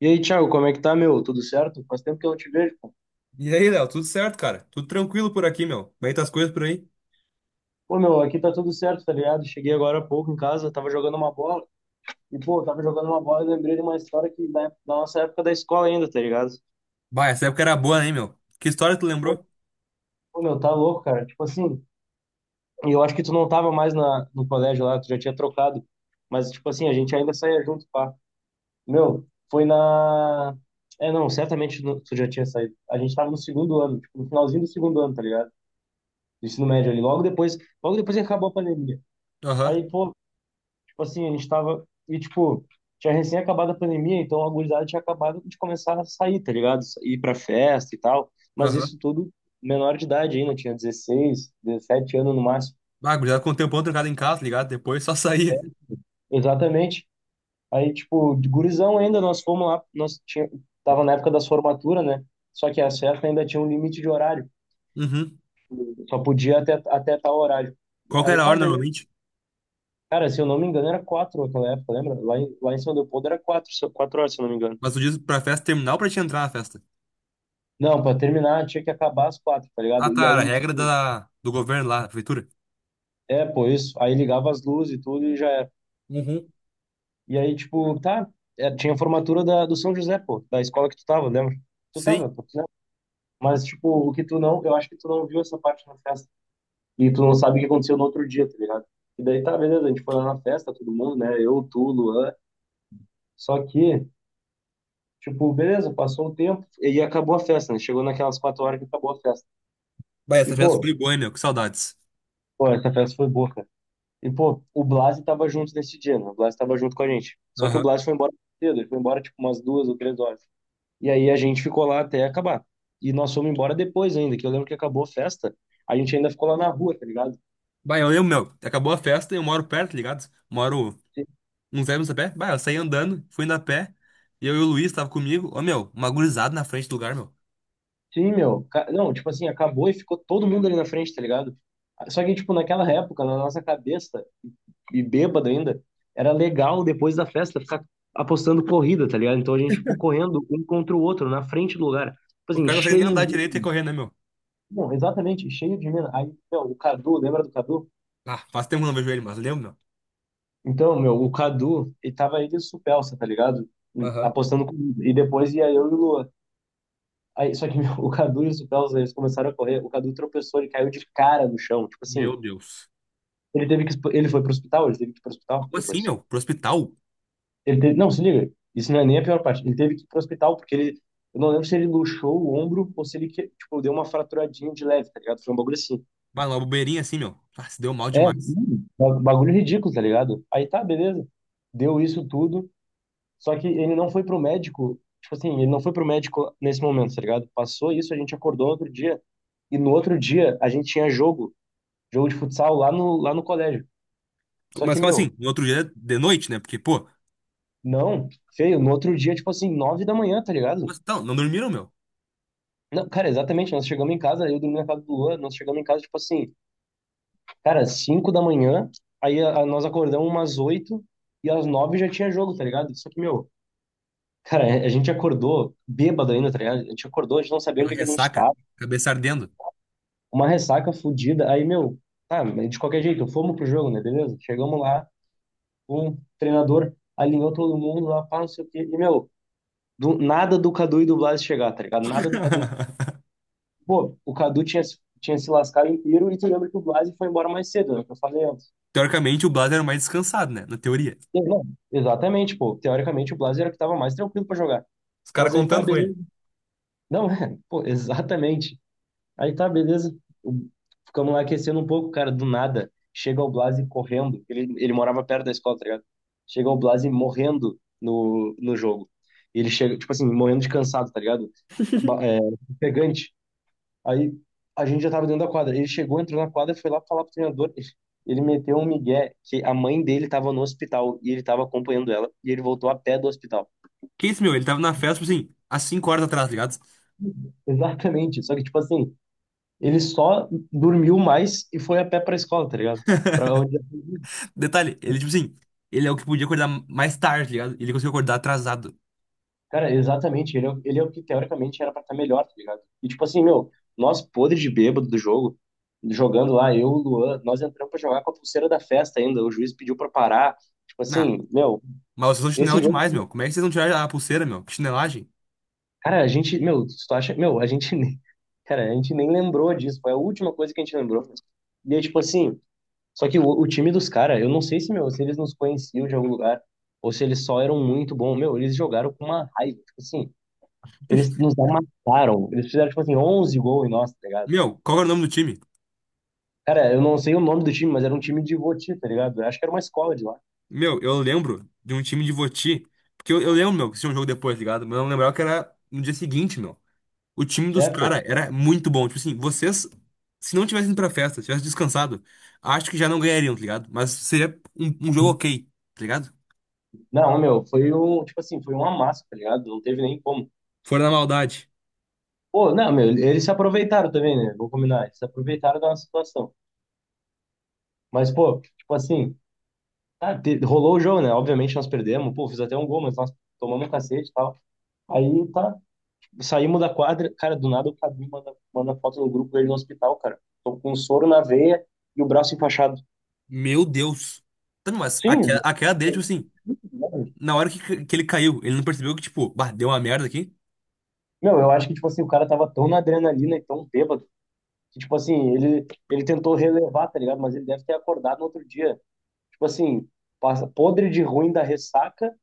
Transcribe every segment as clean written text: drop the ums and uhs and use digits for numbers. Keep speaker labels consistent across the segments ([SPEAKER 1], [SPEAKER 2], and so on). [SPEAKER 1] E aí, Thiago, como é que tá, meu? Tudo certo? Faz tempo que eu não te vejo, pô.
[SPEAKER 2] E aí, Léo, tudo certo, cara? Tudo tranquilo por aqui, meu. Como é que tá as coisas por aí?
[SPEAKER 1] Pô, meu, aqui tá tudo certo, tá ligado? Cheguei agora há pouco em casa, tava jogando uma bola. E, pô, tava jogando uma bola e lembrei de uma história da nossa época da escola ainda, tá ligado?
[SPEAKER 2] Bah, essa época era boa, hein, meu? Que história tu
[SPEAKER 1] Pô,
[SPEAKER 2] lembrou?
[SPEAKER 1] pô, meu, tá louco, cara. Tipo assim, e eu acho que tu não tava mais no colégio lá, tu já tinha trocado. Mas, tipo assim, a gente ainda saía junto, pá. Meu, foi na... É, não, certamente tu já tinha saído. A gente tava no segundo ano, tipo, no finalzinho do segundo ano, tá ligado? Do ensino médio ali. Logo depois que acabou a pandemia.
[SPEAKER 2] Aham,
[SPEAKER 1] Aí, pô, tipo assim, a gente tava. E, tipo, tinha recém acabado a pandemia, então a gurizada tinha acabado de começar a sair, tá ligado? Ir pra festa e tal. Mas
[SPEAKER 2] aham.
[SPEAKER 1] isso tudo menor de idade ainda, tinha 16 17 anos no máximo.
[SPEAKER 2] Bah, gurizada com o tempão trancado em casa, tá ligado? Depois só saía.
[SPEAKER 1] Exatamente. Aí, tipo, de gurizão ainda, nós fomos lá, tava na época das formaturas, né? Só que a festa ainda tinha um limite de horário,
[SPEAKER 2] Uhum.
[SPEAKER 1] só podia até tal horário.
[SPEAKER 2] Qual que
[SPEAKER 1] Aí
[SPEAKER 2] era a
[SPEAKER 1] tá,
[SPEAKER 2] hora
[SPEAKER 1] beleza.
[SPEAKER 2] normalmente?
[SPEAKER 1] Cara, se eu não me engano, era quatro naquela época, lembra? Lá em São Leopoldo era 4 horas, se eu não me engano.
[SPEAKER 2] Mas tu diz pra festa terminar ou pra te entrar na festa?
[SPEAKER 1] Não, pra terminar tinha que acabar às 4, tá
[SPEAKER 2] Ah,
[SPEAKER 1] ligado? E
[SPEAKER 2] tá, era a
[SPEAKER 1] aí,
[SPEAKER 2] regra
[SPEAKER 1] tipo,
[SPEAKER 2] da, do governo lá, da prefeitura.
[SPEAKER 1] é, pô, isso. Aí ligava as luzes e tudo e já era.
[SPEAKER 2] Uhum.
[SPEAKER 1] E aí, tipo, tá. É, tinha a formatura do São José, pô, da escola que tu tava, lembra? Tu tava,
[SPEAKER 2] Sim.
[SPEAKER 1] pô, tu lembra? Mas, tipo, o que tu não. Eu acho que tu não viu essa parte na festa. E tu não sabe o que aconteceu no outro dia, tá ligado? E daí tá, beleza, a gente foi lá na festa, todo mundo, né? Eu, tu, Luan. Só que, tipo, beleza, passou um tempo e acabou a festa, né? Chegou naquelas 4 horas que acabou a festa.
[SPEAKER 2] Bah, essa
[SPEAKER 1] E,
[SPEAKER 2] festa
[SPEAKER 1] pô,
[SPEAKER 2] foi boa, hein, meu? Que saudades.
[SPEAKER 1] essa festa foi boa, cara. E, pô, o Blas tava junto nesse dia, né? O Blas tava junto com a gente. Só que o
[SPEAKER 2] Aham.
[SPEAKER 1] Blas foi embora cedo, ele foi embora tipo umas 2 ou 3 horas. E aí a gente ficou lá até acabar. E nós fomos embora depois ainda, que eu lembro que acabou a festa, a gente ainda ficou lá na rua, tá ligado?
[SPEAKER 2] Bah, eu lembro, meu. Acabou a festa e eu moro perto, tá ligado? Moro uns 10 minutos a pé. Bah, eu saí andando, fui indo a pé. E eu e o Luiz tava comigo. Ô, meu, uma gurizada na frente do lugar, meu.
[SPEAKER 1] Sim, meu. Não, tipo assim, acabou e ficou todo mundo ali na frente, tá ligado? Só que, tipo, naquela época, na nossa cabeça, e bêbado ainda, era legal depois da festa ficar apostando corrida, tá ligado? Então a gente ficou correndo um contra o outro na frente do lugar. Tipo
[SPEAKER 2] O
[SPEAKER 1] assim,
[SPEAKER 2] cara não consegue nem
[SPEAKER 1] cheio
[SPEAKER 2] andar
[SPEAKER 1] de
[SPEAKER 2] direito e correr, né, meu?
[SPEAKER 1] Não, exatamente, cheio de mina. Aí, meu, o Cadu, lembra do Cadu?
[SPEAKER 2] Ah, faz tempo que eu não vejo ele, mas lembro,
[SPEAKER 1] Então, meu, o Cadu, ele tava ele e o Supelsa, tá ligado?
[SPEAKER 2] meu. Aham.
[SPEAKER 1] Apostando comigo. E depois ia eu e o Lua. Aí, só que, meu, o Cadu e o Supelsa, eles começaram a correr. O Cadu tropeçou, ele caiu de cara no chão. Tipo
[SPEAKER 2] Meu
[SPEAKER 1] assim,
[SPEAKER 2] Deus.
[SPEAKER 1] ele teve que. Ele foi pro hospital, ele teve que ir pro hospital
[SPEAKER 2] Como assim,
[SPEAKER 1] depois.
[SPEAKER 2] meu? Pro hospital?
[SPEAKER 1] Não, se liga, isso não é nem a pior parte. Ele teve que ir pro hospital porque ele. Eu não lembro se ele luxou o ombro ou se ele, que- tipo, deu uma fraturadinha de leve, tá ligado? Foi um bagulho assim.
[SPEAKER 2] Bah, numa bobeirinha assim, meu. Ah, se deu mal
[SPEAKER 1] É,
[SPEAKER 2] demais.
[SPEAKER 1] sim, bagulho ridículo, tá ligado? Aí tá, beleza. Deu isso tudo, só que ele não foi pro médico, tipo assim, ele não foi pro médico nesse momento, tá ligado? Passou isso, a gente acordou outro dia, e no outro dia a gente tinha jogo, jogo de futsal lá no colégio. Só que,
[SPEAKER 2] Mas como assim?
[SPEAKER 1] meu,
[SPEAKER 2] No outro dia, de noite, né? Porque, pô,
[SPEAKER 1] não, feio, no outro dia, tipo assim, 9 da manhã, tá ligado?
[SPEAKER 2] mas então, não dormiram, meu.
[SPEAKER 1] Não, cara, exatamente, nós chegamos em casa, eu dormi na casa do Luan, nós chegamos em casa, tipo assim, cara, 5 da manhã, aí nós acordamos umas 8, e às 9 já tinha jogo, tá ligado? Só que, meu, cara, é, a gente acordou bêbado ainda, tá ligado? A gente acordou, a gente não sabia
[SPEAKER 2] Aquela
[SPEAKER 1] onde é que a gente
[SPEAKER 2] ressaca,
[SPEAKER 1] tava.
[SPEAKER 2] cabeça ardendo.
[SPEAKER 1] Uma ressaca fodida. Aí, meu, tá, mas de qualquer jeito, fomos pro jogo, né? Beleza? Chegamos lá, o treinador alinhou todo mundo lá, pá, não sei o quê. E, meu, nada do Cadu e do Blas chegar, tá ligado? Nada do Cadu. Pô, o Cadu tinha, tinha se lascado inteiro e tu lembra que o Blas foi embora mais cedo, né? Que eu falei antes.
[SPEAKER 2] Teoricamente, o Blas era o mais descansado, né? Na teoria.
[SPEAKER 1] E, não, exatamente, pô. Teoricamente, o Blas era o que tava mais tranquilo pra jogar.
[SPEAKER 2] Os caras
[SPEAKER 1] Mas aí tá,
[SPEAKER 2] contando com
[SPEAKER 1] beleza.
[SPEAKER 2] ele.
[SPEAKER 1] Não, é, pô, exatamente. Aí tá, beleza. O- Ficamos lá aquecendo um pouco, cara, do nada. Chega o Blasi correndo. Ele morava perto da escola, tá ligado? Chega o Blasi morrendo no jogo. E ele chega, tipo assim, morrendo de cansado, tá ligado? É, pegante. Aí a gente já tava dentro da quadra. Ele chegou, entrou na quadra, foi lá falar pro treinador. Ele meteu um migué que a mãe dele tava no hospital e ele tava acompanhando ela. E ele voltou a pé do hospital.
[SPEAKER 2] Que isso, meu? Ele tava na festa, tipo assim, às 5 horas atrás, tá ligado?
[SPEAKER 1] Exatamente. Só que, tipo assim, ele só dormiu mais e foi a pé pra escola, tá ligado? Pra onde
[SPEAKER 2] Detalhe, ele, tipo assim, ele é o que podia acordar mais tarde, tá ligado? Ele conseguiu acordar atrasado.
[SPEAKER 1] Cara, exatamente. Ele é o que teoricamente era pra estar melhor, tá ligado? E tipo assim, meu, nós podres de bêbado do jogo, jogando lá, eu, o Luan, nós entramos pra jogar com a pulseira da festa ainda. O juiz pediu pra parar. Tipo
[SPEAKER 2] Ah,
[SPEAKER 1] assim, meu,
[SPEAKER 2] mas vocês são
[SPEAKER 1] esse
[SPEAKER 2] chinelo
[SPEAKER 1] jogo.
[SPEAKER 2] demais, meu. Como é que vocês não tiraram a pulseira, meu? Que chinelagem.
[SPEAKER 1] Cara, a gente, meu, se tu acha. Meu, a gente nem. Cara, a gente nem lembrou disso. Foi a última coisa que a gente lembrou. E aí, tipo assim, só que o time dos caras, eu não sei se, meu, se eles nos conheciam de algum lugar, ou se eles só eram muito bons. Meu, eles jogaram com uma raiva. Tipo assim. Eles nos amassaram. Eles fizeram, tipo assim, 11 gols em nós, tá ligado?
[SPEAKER 2] Meu, qual era o nome do time?
[SPEAKER 1] Cara, eu não sei o nome do time, mas era um time de Voti, tá ligado? Eu acho que era uma escola de lá.
[SPEAKER 2] Meu, eu lembro de um time de Voti. Porque eu lembro, meu, que tinha um jogo depois, tá ligado? Mas eu não lembrava que era no dia seguinte, meu. O time dos
[SPEAKER 1] É, pô.
[SPEAKER 2] caras era muito bom. Tipo assim, vocês, se não tivessem ido pra festa, tivessem descansado, acho que já não ganhariam, tá ligado? Mas seria um, um jogo ok, tá ligado?
[SPEAKER 1] Não, meu, foi um, tipo assim, foi um amasso, tá ligado? Não teve nem como.
[SPEAKER 2] Fora da maldade.
[SPEAKER 1] Pô, não, meu, eles se aproveitaram também, né? Vou combinar, eles se aproveitaram da nossa situação. Mas, pô, tipo assim, tá, rolou o jogo, né? Obviamente nós perdemos, pô, fiz até um gol, mas nós tomamos um cacete e tal. Aí tá, saímos da quadra, cara, do nada o Cadu manda foto no grupo dele no hospital, cara. Tô com um soro na veia e o braço enfaixado.
[SPEAKER 2] Meu Deus. Tá, mas aquela,
[SPEAKER 1] Sim.
[SPEAKER 2] aquela dele, tipo assim. Na hora que ele caiu, ele não percebeu que, tipo, bah, deu uma merda aqui.
[SPEAKER 1] Meu, eu acho que, tipo assim, o cara tava tão na adrenalina e tão bêbado que, tipo assim, ele tentou relevar, tá ligado? Mas ele deve ter acordado no outro dia. Tipo assim, passa podre de ruim da ressaca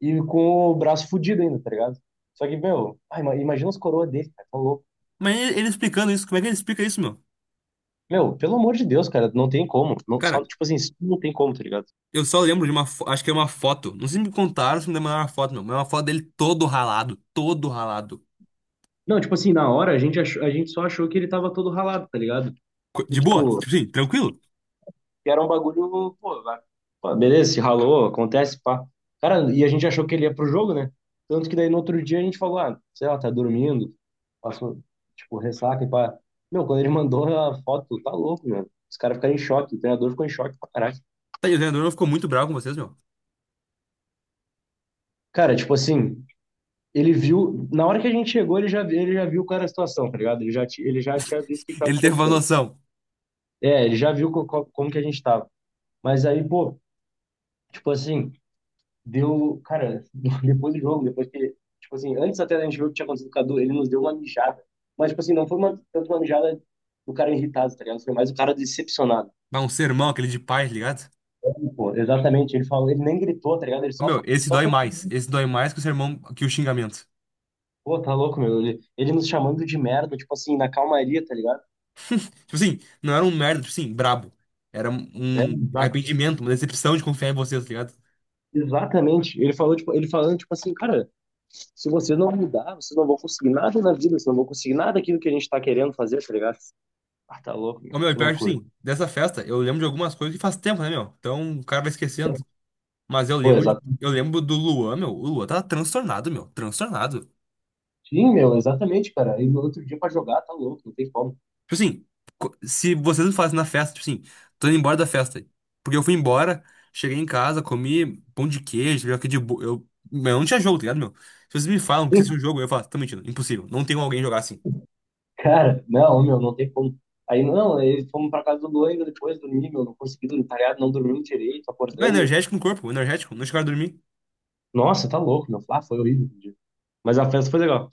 [SPEAKER 1] e com o braço fudido ainda, tá ligado? Só que, meu, ai, imagina os coroas dele, cara, tá louco.
[SPEAKER 2] Mas ele explicando isso, como é que ele explica isso, meu?
[SPEAKER 1] Meu, pelo amor de Deus, cara, não tem como. Não, só,
[SPEAKER 2] Cara,
[SPEAKER 1] tipo assim, isso não tem como, tá ligado?
[SPEAKER 2] eu só lembro de uma, fo- acho que é uma foto. Não sei se me contaram, se me mandaram uma foto, meu. Mas é uma foto dele todo ralado, todo ralado.
[SPEAKER 1] Não, tipo assim, na hora a gente, a gente só achou que ele tava todo ralado, tá ligado?
[SPEAKER 2] Co-
[SPEAKER 1] E,
[SPEAKER 2] De boa,
[SPEAKER 1] tipo,
[SPEAKER 2] tipo assim, tranquilo.
[SPEAKER 1] que era um bagulho, pô, pô, beleza, se ralou, acontece, pá. Cara, e a gente achou que ele ia pro jogo, né? Tanto que daí no outro dia a gente falou, ah, sei lá, tá dormindo, passou, tipo, ressaca e pá. Meu, quando ele mandou a foto, tá louco, meu. Os caras ficaram em choque, o treinador ficou em choque pra caralho.
[SPEAKER 2] Tá, e o treinador não ficou muito bravo com vocês, meu.
[SPEAKER 1] Cara, tipo assim, ele viu, na hora que a gente chegou, ele já viu qual era a situação, tá ligado? Ele já, ele já tinha visto o que tava
[SPEAKER 2] Ele teve uma
[SPEAKER 1] acontecendo.
[SPEAKER 2] noção.
[SPEAKER 1] É, ele já viu como que a gente tava. Mas aí, pô, tipo assim, deu. Cara, depois do jogo, depois que. Tipo assim, antes até da gente ver o que tinha acontecido com o Cadu, ele nos deu uma mijada. Mas, tipo assim, não foi uma, tanto uma mijada do cara irritado, tá ligado? Foi mais o cara decepcionado.
[SPEAKER 2] Bah, um sermão, aquele de paz, tá ligado?
[SPEAKER 1] Pô, exatamente, ele falou, ele nem gritou, tá ligado?
[SPEAKER 2] Ô, meu, esse
[SPEAKER 1] Só
[SPEAKER 2] dói
[SPEAKER 1] foi.
[SPEAKER 2] mais. Esse dói mais que o sermão, que o xingamento.
[SPEAKER 1] Pô, tá louco, meu. Ele nos chamando de merda, tipo assim, na calmaria, tá ligado?
[SPEAKER 2] Tipo assim, não era um merda, tipo assim, brabo. Era um
[SPEAKER 1] É,
[SPEAKER 2] um arrependimento, uma decepção de confiar em vocês, tá ligado?
[SPEAKER 1] exatamente. Ele falou, tipo, ele falando, tipo assim, cara, se vocês não mudar, vocês não vão conseguir nada na vida, vocês não vão conseguir nada daquilo que a gente tá querendo fazer, tá ligado? Ah, tá louco, meu.
[SPEAKER 2] Ô, meu, e
[SPEAKER 1] Que
[SPEAKER 2] pior, que,
[SPEAKER 1] loucura.
[SPEAKER 2] sim, dessa festa, eu lembro de algumas coisas que faz tempo, né, meu? Então o cara vai esquecendo. Mas eu
[SPEAKER 1] Pô,
[SPEAKER 2] lembro, de-
[SPEAKER 1] exato.
[SPEAKER 2] eu lembro do Luan, meu. O Luan tava transtornado, meu. Transtornado.
[SPEAKER 1] Sim, meu, exatamente, cara. Aí no outro dia pra jogar, tá louco, não tem como.
[SPEAKER 2] Tipo assim, co- se vocês não fazem na festa, tipo assim, tô indo embora da festa. Porque eu fui embora, cheguei em casa, comi pão de queijo, aqui de bo... eu, meu, eu não tinha jogo, tá ligado, meu? Se vocês me falam que vocês
[SPEAKER 1] Sim,
[SPEAKER 2] tinham jogo, eu falo, tô mentindo, impossível. Não tem como alguém jogar assim.
[SPEAKER 1] cara, não, meu, não tem como. Aí, não, aí fomos pra casa do Luan ainda depois dormir, meu, não consegui dormir, tá ligado? Não dormimos direito,
[SPEAKER 2] Não, é
[SPEAKER 1] acordamos.
[SPEAKER 2] energético no corpo, energético, não chegaram a dormir.
[SPEAKER 1] Nossa, tá louco, meu. Ah, foi horrível o dia. Mas a festa foi legal.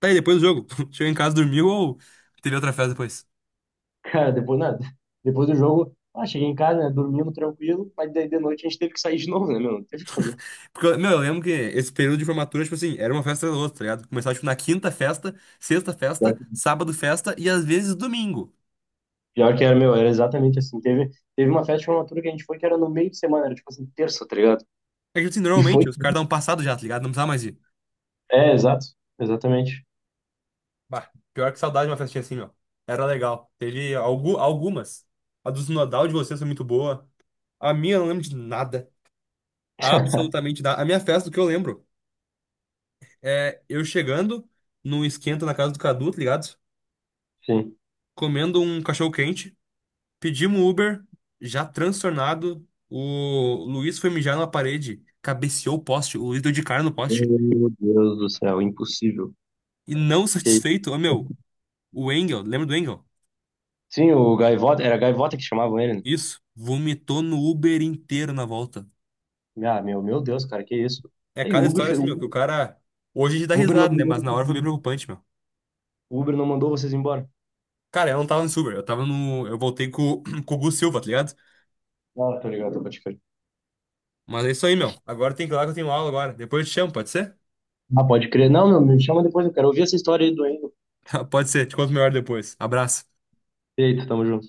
[SPEAKER 2] Tá aí, depois do jogo. Chegou em casa, dormiu ou teve outra festa depois?
[SPEAKER 1] Cara, depois, nada. Depois do jogo, ah, cheguei em casa, né, dormimos tranquilo, mas daí de noite a gente teve que sair de novo, né, meu? Não teve o que fazer.
[SPEAKER 2] Porque, eu- meu, eu lembro que esse período de formatura, tipo assim, era uma festa atrás da outra, tá ligado? Começava, tipo, na quinta festa, sexta
[SPEAKER 1] Pior
[SPEAKER 2] festa,
[SPEAKER 1] que
[SPEAKER 2] sábado festa e às vezes domingo.
[SPEAKER 1] pior que era, meu, era exatamente assim. Teve uma festa de formatura que a gente foi que era no meio de semana, era tipo assim, terça, tá ligado?
[SPEAKER 2] É que, tipo assim,
[SPEAKER 1] E foi
[SPEAKER 2] normalmente os caras dão um passado já, tá ligado? Não precisava mais ir.
[SPEAKER 1] É, exato. Exatamente.
[SPEAKER 2] Bah, pior que saudade de uma festinha assim, meu. Era legal. Teve algu algumas. A do Sinodal de vocês foi muito boa. A minha eu não lembro de nada. Absolutamente nada. A minha festa, o que eu lembro, é eu chegando num esquenta na casa do Cadu, tá ligado?
[SPEAKER 1] Sim.
[SPEAKER 2] Comendo um cachorro quente. Pedimos um Uber, já transtornado. O Luiz foi mijar na parede, cabeceou o poste, o Luiz deu de cara no poste.
[SPEAKER 1] Meu Deus do céu, impossível.
[SPEAKER 2] E não
[SPEAKER 1] Que-
[SPEAKER 2] satisfeito, ô meu, o Engel, lembra do Engel?
[SPEAKER 1] Sim, o Gaivota, era Gaivota que chamavam ele,
[SPEAKER 2] Isso, vomitou no Uber inteiro na volta.
[SPEAKER 1] né? Ah, meu Deus, cara, que isso?
[SPEAKER 2] É
[SPEAKER 1] Tá Aí o
[SPEAKER 2] cada
[SPEAKER 1] Uber,
[SPEAKER 2] história assim,
[SPEAKER 1] o
[SPEAKER 2] meu, que o cara. Hoje a gente dá
[SPEAKER 1] Uber não
[SPEAKER 2] risada, né?
[SPEAKER 1] mandou,
[SPEAKER 2] Mas na hora foi bem preocupante, meu.
[SPEAKER 1] o Uber não mandou vocês embora.
[SPEAKER 2] Cara, eu não tava no Uber, eu tava no. Eu voltei com, com o Gu Silva, tá ligado?
[SPEAKER 1] Ah, tô ligado, pode crer.
[SPEAKER 2] Mas é isso aí, meu. Agora tem que ir lá que eu tenho aula agora. Depois eu te chamo, pode ser?
[SPEAKER 1] Ah, pode crer. Não, meu, me chama depois, eu quero ouvir essa história aí do Endo.
[SPEAKER 2] Pode ser, te conto melhor depois. Abraço.
[SPEAKER 1] Eita, tamo junto.